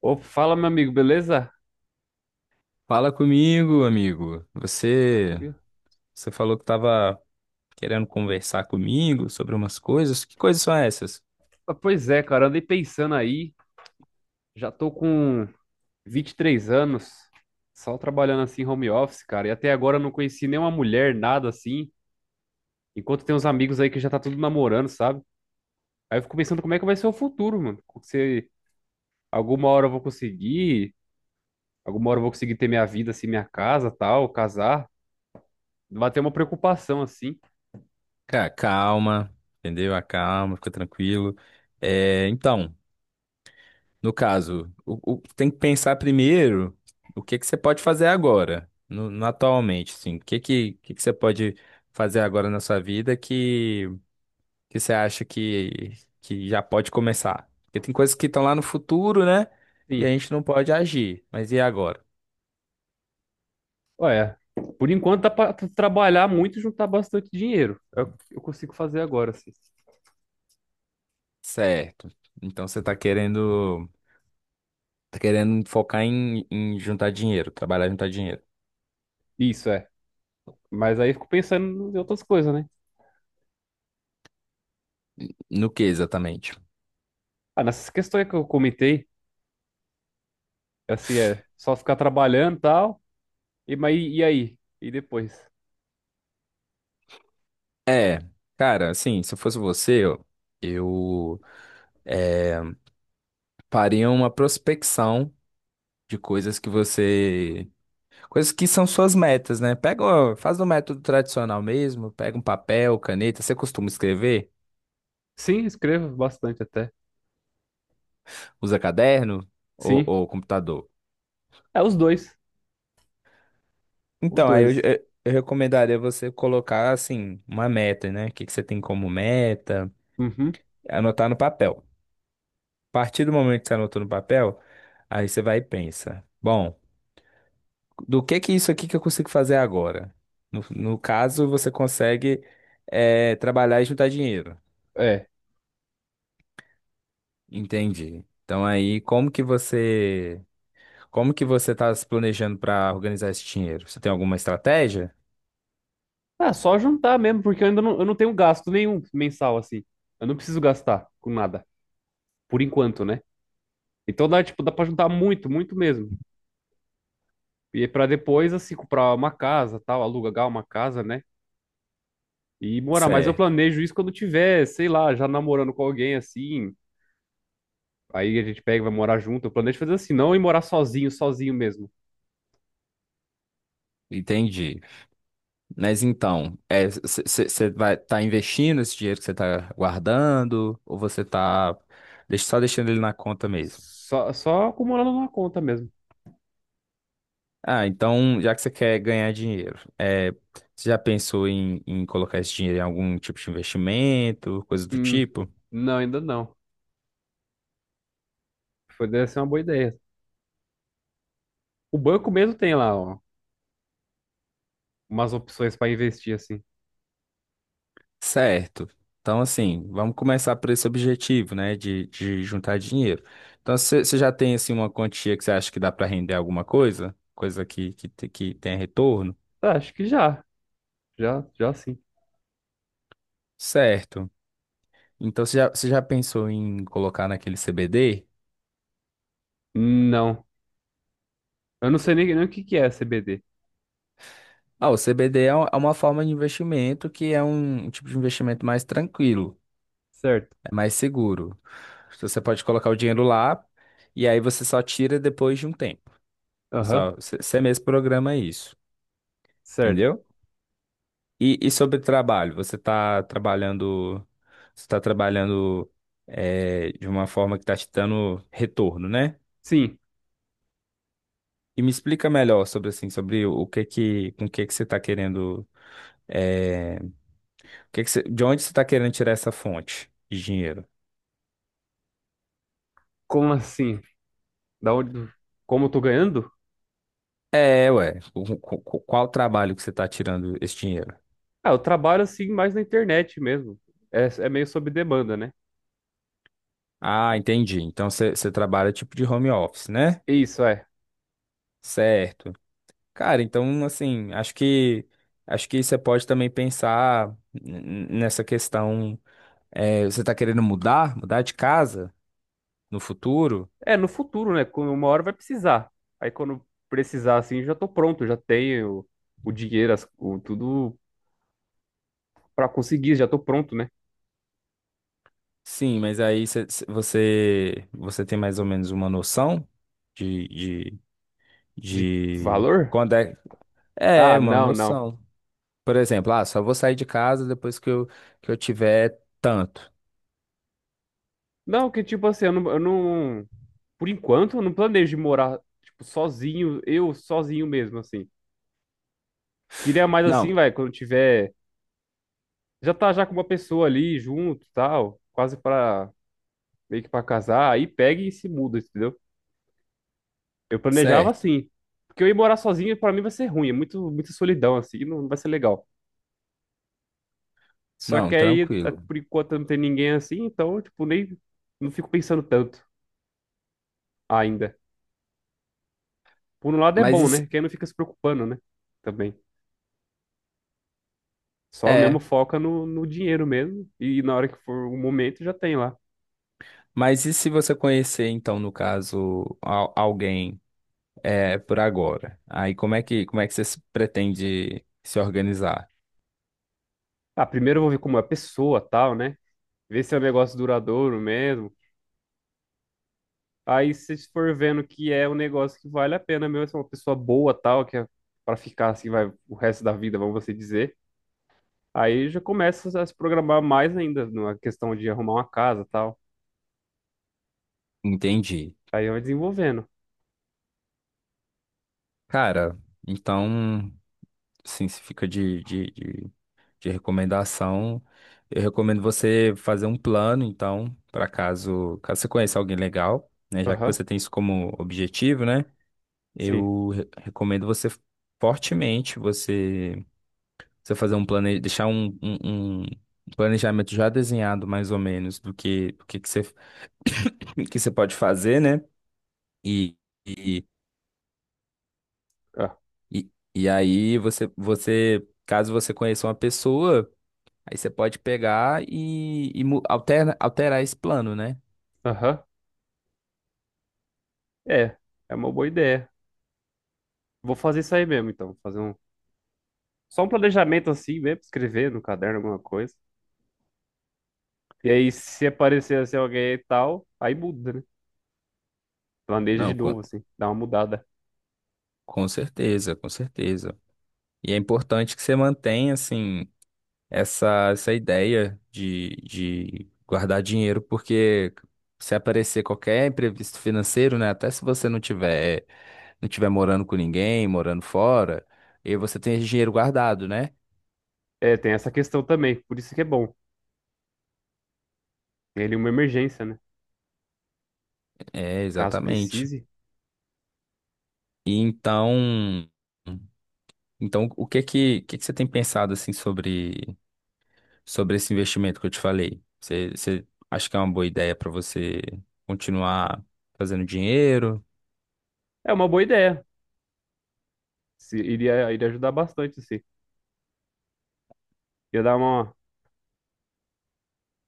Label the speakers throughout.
Speaker 1: Ô, fala, meu amigo, beleza?
Speaker 2: Fala comigo, amigo. Você falou que estava querendo conversar comigo sobre umas coisas. Que coisas são essas?
Speaker 1: Pois é, cara, andei pensando aí, já tô com 23 anos, só trabalhando assim home office, cara, e até agora eu não conheci nenhuma mulher, nada assim, enquanto tem uns amigos aí que já tá tudo namorando, sabe? Aí eu fico pensando como é que vai ser o futuro, mano. Se alguma hora eu vou conseguir, alguma hora eu vou conseguir ter minha vida, assim, minha casa, tal, casar, vai ter uma preocupação assim.
Speaker 2: Cara, calma, entendeu? Acalma, fica tranquilo. É, então, no caso, tem que pensar primeiro o que que você pode fazer agora, atualmente, assim. O que que você pode fazer agora na sua vida que você acha que já pode começar? Porque tem coisas que estão lá no futuro, né? E a
Speaker 1: Sim.
Speaker 2: gente não pode agir. Mas e agora?
Speaker 1: Olha, por enquanto dá pra tu trabalhar muito e juntar bastante dinheiro. É o que eu consigo fazer agora, assim.
Speaker 2: Certo. Então você tá querendo focar em juntar dinheiro, trabalhar e juntar dinheiro.
Speaker 1: Isso é. Mas aí eu fico pensando em outras coisas, né?
Speaker 2: No que exatamente?
Speaker 1: Ah, nessas questões que eu comentei, assim, é só ficar trabalhando e tal. E, mas, e aí? E depois?
Speaker 2: É, cara, assim, se eu fosse você, eu é, faria uma prospecção de coisas que você, coisas que são suas metas, né? Pega, ó, faz o método tradicional mesmo, pega um papel, caneta, você costuma escrever?
Speaker 1: Sim, escrevo bastante até.
Speaker 2: Usa caderno
Speaker 1: Sim.
Speaker 2: ou computador?
Speaker 1: É os dois. Os
Speaker 2: Então,
Speaker 1: dois.
Speaker 2: eu recomendaria você colocar, assim, uma meta, né? O que que você tem como meta?
Speaker 1: Uhum.
Speaker 2: Anotar no papel. A partir do momento que você anotou no papel, aí você vai e pensa: bom, do que isso aqui que eu consigo fazer agora? No caso, você consegue trabalhar e juntar dinheiro.
Speaker 1: É.
Speaker 2: Entendi. Então aí, como que você está se planejando para organizar esse dinheiro? Você tem alguma estratégia?
Speaker 1: Ah, só juntar mesmo, porque eu não tenho gasto nenhum mensal, assim. Eu não preciso gastar com nada. Por enquanto, né? Então dá, tipo, dá pra juntar muito, muito mesmo. E para depois, assim, comprar uma casa, tal, alugar uma casa, né? E morar. Mas eu
Speaker 2: Certo.
Speaker 1: planejo isso quando tiver, sei lá, já namorando com alguém, assim. Aí a gente pega e vai morar junto. Eu planejo fazer assim, não ir morar sozinho, sozinho mesmo.
Speaker 2: Entendi. Mas então, você vai estar investindo esse dinheiro que você está guardando ou você está só deixando ele na conta mesmo?
Speaker 1: Só acumulando uma conta mesmo.
Speaker 2: Ah, então, já que você quer ganhar dinheiro, é, você já pensou em colocar esse dinheiro em algum tipo de investimento, coisa do
Speaker 1: Hum,
Speaker 2: tipo?
Speaker 1: não, ainda não. Foi, deve ser uma boa ideia. O banco mesmo tem lá, ó, umas opções para investir, assim.
Speaker 2: Certo. Então, assim, vamos começar por esse objetivo, né, de juntar dinheiro. Então, você já tem, assim, uma quantia que você acha que dá para render alguma coisa? Coisa que tenha retorno?
Speaker 1: Tá, acho que já. Já, já sim.
Speaker 2: Certo. Então você já pensou em colocar naquele CBD?
Speaker 1: Não. Eu não sei nem o que que é CBD.
Speaker 2: Ah, o CBD é uma forma de investimento que é um tipo de investimento mais tranquilo,
Speaker 1: Certo.
Speaker 2: é mais seguro. Então, você pode colocar o dinheiro lá e aí você só tira depois de um tempo. Você
Speaker 1: Aham.
Speaker 2: só- você você mesmo programa isso,
Speaker 1: Certo.
Speaker 2: entendeu? E sobre trabalho, você está trabalhando de uma forma que está te dando retorno, né?
Speaker 1: Sim.
Speaker 2: E me explica melhor sobre assim, sobre o que que, com o que que você está querendo. É, o que que você- de onde você está querendo tirar essa fonte de dinheiro?
Speaker 1: Como assim? Da onde, como eu tô ganhando?
Speaker 2: É, ué. Qual trabalho que você está tirando esse dinheiro?
Speaker 1: Ah, eu trabalho assim mais na internet mesmo. É meio sob demanda, né?
Speaker 2: Ah, entendi. Então você trabalha tipo de home office, né?
Speaker 1: Isso, é.
Speaker 2: Certo. Cara, então assim, acho que você pode também pensar nessa questão. É, você está querendo mudar, mudar de casa no futuro?
Speaker 1: É, no futuro, né? Quando Uma hora vai precisar. Aí quando precisar, assim, já tô pronto, já tenho o dinheiro, tudo pra conseguir, já tô pronto, né?
Speaker 2: Sim, mas aí você você tem mais ou menos uma noção de, de,
Speaker 1: De
Speaker 2: de
Speaker 1: valor?
Speaker 2: quando é. É,
Speaker 1: Ah,
Speaker 2: mano,
Speaker 1: não, não.
Speaker 2: noção. Por exemplo, ah, só vou sair de casa depois que eu tiver tanto.
Speaker 1: Não, que tipo assim, eu não- por enquanto, eu não planejo morar, tipo, sozinho, eu sozinho mesmo, assim. Queria mais assim,
Speaker 2: Não,
Speaker 1: vai, quando tiver já tá já com uma pessoa ali junto, tal, quase pra meio que pra casar, aí pega e se muda, entendeu? Eu planejava
Speaker 2: certo.
Speaker 1: assim, porque eu ir morar sozinho pra mim vai ser ruim, é muito muita solidão assim, não vai ser legal. Só
Speaker 2: Não,
Speaker 1: que aí
Speaker 2: tranquilo.
Speaker 1: por enquanto não tem ninguém assim, então tipo nem não fico pensando tanto ainda. Por um lado é
Speaker 2: Mas
Speaker 1: bom,
Speaker 2: e
Speaker 1: né?
Speaker 2: se,
Speaker 1: Que aí não fica se preocupando, né? Também. Só mesmo
Speaker 2: é,
Speaker 1: foca no dinheiro mesmo. E na hora que for o momento já tem lá.
Speaker 2: mas e se você conhecer, então, no caso, alguém é, por agora? Aí como é que você se pretende se organizar?
Speaker 1: Ah, primeiro eu vou ver como é a pessoa, tal, né? Ver se é um negócio duradouro mesmo. Aí se for vendo que é um negócio que vale a pena mesmo, se é uma pessoa boa tal, que é para ficar assim vai o resto da vida, vamos assim dizer. Aí já começa a se programar mais ainda na questão de arrumar uma casa tal.
Speaker 2: Entendi.
Speaker 1: Aí vai desenvolvendo.
Speaker 2: Cara, então, assim, se fica de recomendação, eu recomendo você fazer um plano, então, para caso, caso você conheça alguém legal, né, já que
Speaker 1: Aham,
Speaker 2: você tem isso como objetivo, né,
Speaker 1: sim.
Speaker 2: recomendo você fortemente você, você fazer um plane, deixar um planejamento já desenhado mais ou menos que você que você pode fazer, né? E, e,
Speaker 1: Ah,
Speaker 2: e, e aí você caso você conheça uma pessoa. Aí você pode pegar e, alterar esse plano, né?
Speaker 1: aham, é. É uma boa ideia. Vou fazer isso aí mesmo, então. Fazer só um planejamento assim mesmo, escrever no caderno alguma coisa. E aí se aparecer assim alguém e tal, aí muda, né? Planeja de
Speaker 2: Não,
Speaker 1: novo assim, dá uma mudada.
Speaker 2: com certeza, com certeza. E é importante que você mantenha, assim, essa ideia de guardar dinheiro, porque se aparecer qualquer imprevisto financeiro, né? Até se você não tiver, não tiver morando com ninguém, morando fora, e você tem esse dinheiro guardado, né?
Speaker 1: É, tem essa questão também, por isso que é bom. Ele uma emergência, né?
Speaker 2: É,
Speaker 1: Caso
Speaker 2: exatamente.
Speaker 1: precise.
Speaker 2: E então, então o que que você tem pensado, assim, sobre sobre esse investimento que eu te falei. Você, você acha que é uma boa ideia para você continuar fazendo dinheiro?
Speaker 1: É uma boa ideia. Iria ajudar bastante, assim. Ia dar uma,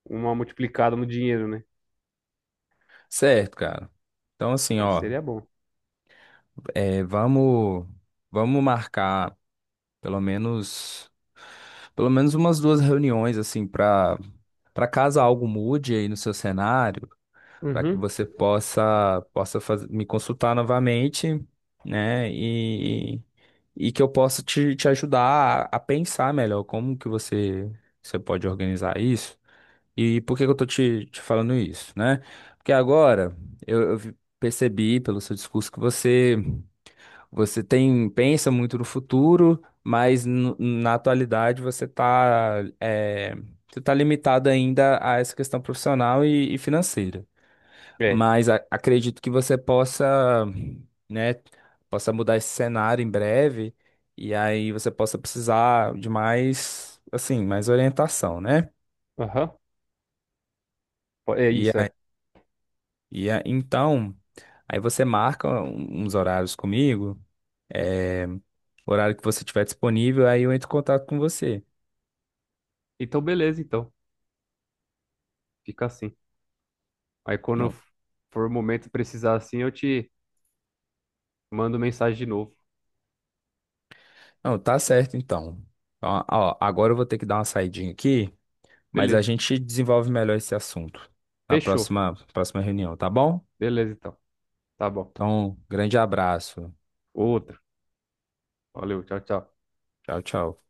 Speaker 1: uma multiplicada no dinheiro, né?
Speaker 2: Certo, cara. Então, assim,
Speaker 1: Mas
Speaker 2: ó,
Speaker 1: seria bom.
Speaker 2: é, vamos, vamos marcar pelo menos, pelo menos umas duas reuniões, assim, para para caso algo mude aí no seu cenário. Para que
Speaker 1: Uhum.
Speaker 2: você possa me consultar novamente, né? E que eu possa te, te ajudar a pensar melhor como que você pode organizar isso. E por que que eu tô te, te falando isso, né? Porque agora percebi pelo seu discurso que você tem pensa muito no futuro, mas na atualidade você tá é, você tá limitado ainda a essa questão profissional e financeira.
Speaker 1: É.
Speaker 2: Mas acredito que você possa, né, possa mudar esse cenário em breve e aí você possa precisar de mais, assim, mais orientação, né?
Speaker 1: Aham. É
Speaker 2: E
Speaker 1: isso,
Speaker 2: aí,
Speaker 1: é.
Speaker 2: então, aí você marca uns horários comigo, é, o horário que você tiver disponível, aí eu entro em contato com você.
Speaker 1: Então, beleza, então. Fica assim. Aí quando
Speaker 2: Não,
Speaker 1: for o momento de precisar assim, eu te mando mensagem de novo.
Speaker 2: não, tá certo então. Ó, ó, agora eu vou ter que dar uma saidinha aqui, mas a
Speaker 1: Beleza.
Speaker 2: gente desenvolve melhor esse assunto na
Speaker 1: Fechou.
Speaker 2: próxima, próxima reunião, tá bom?
Speaker 1: Beleza, então. Tá bom.
Speaker 2: Então, grande abraço.
Speaker 1: Outro. Valeu. Tchau, tchau.
Speaker 2: Tchau, tchau.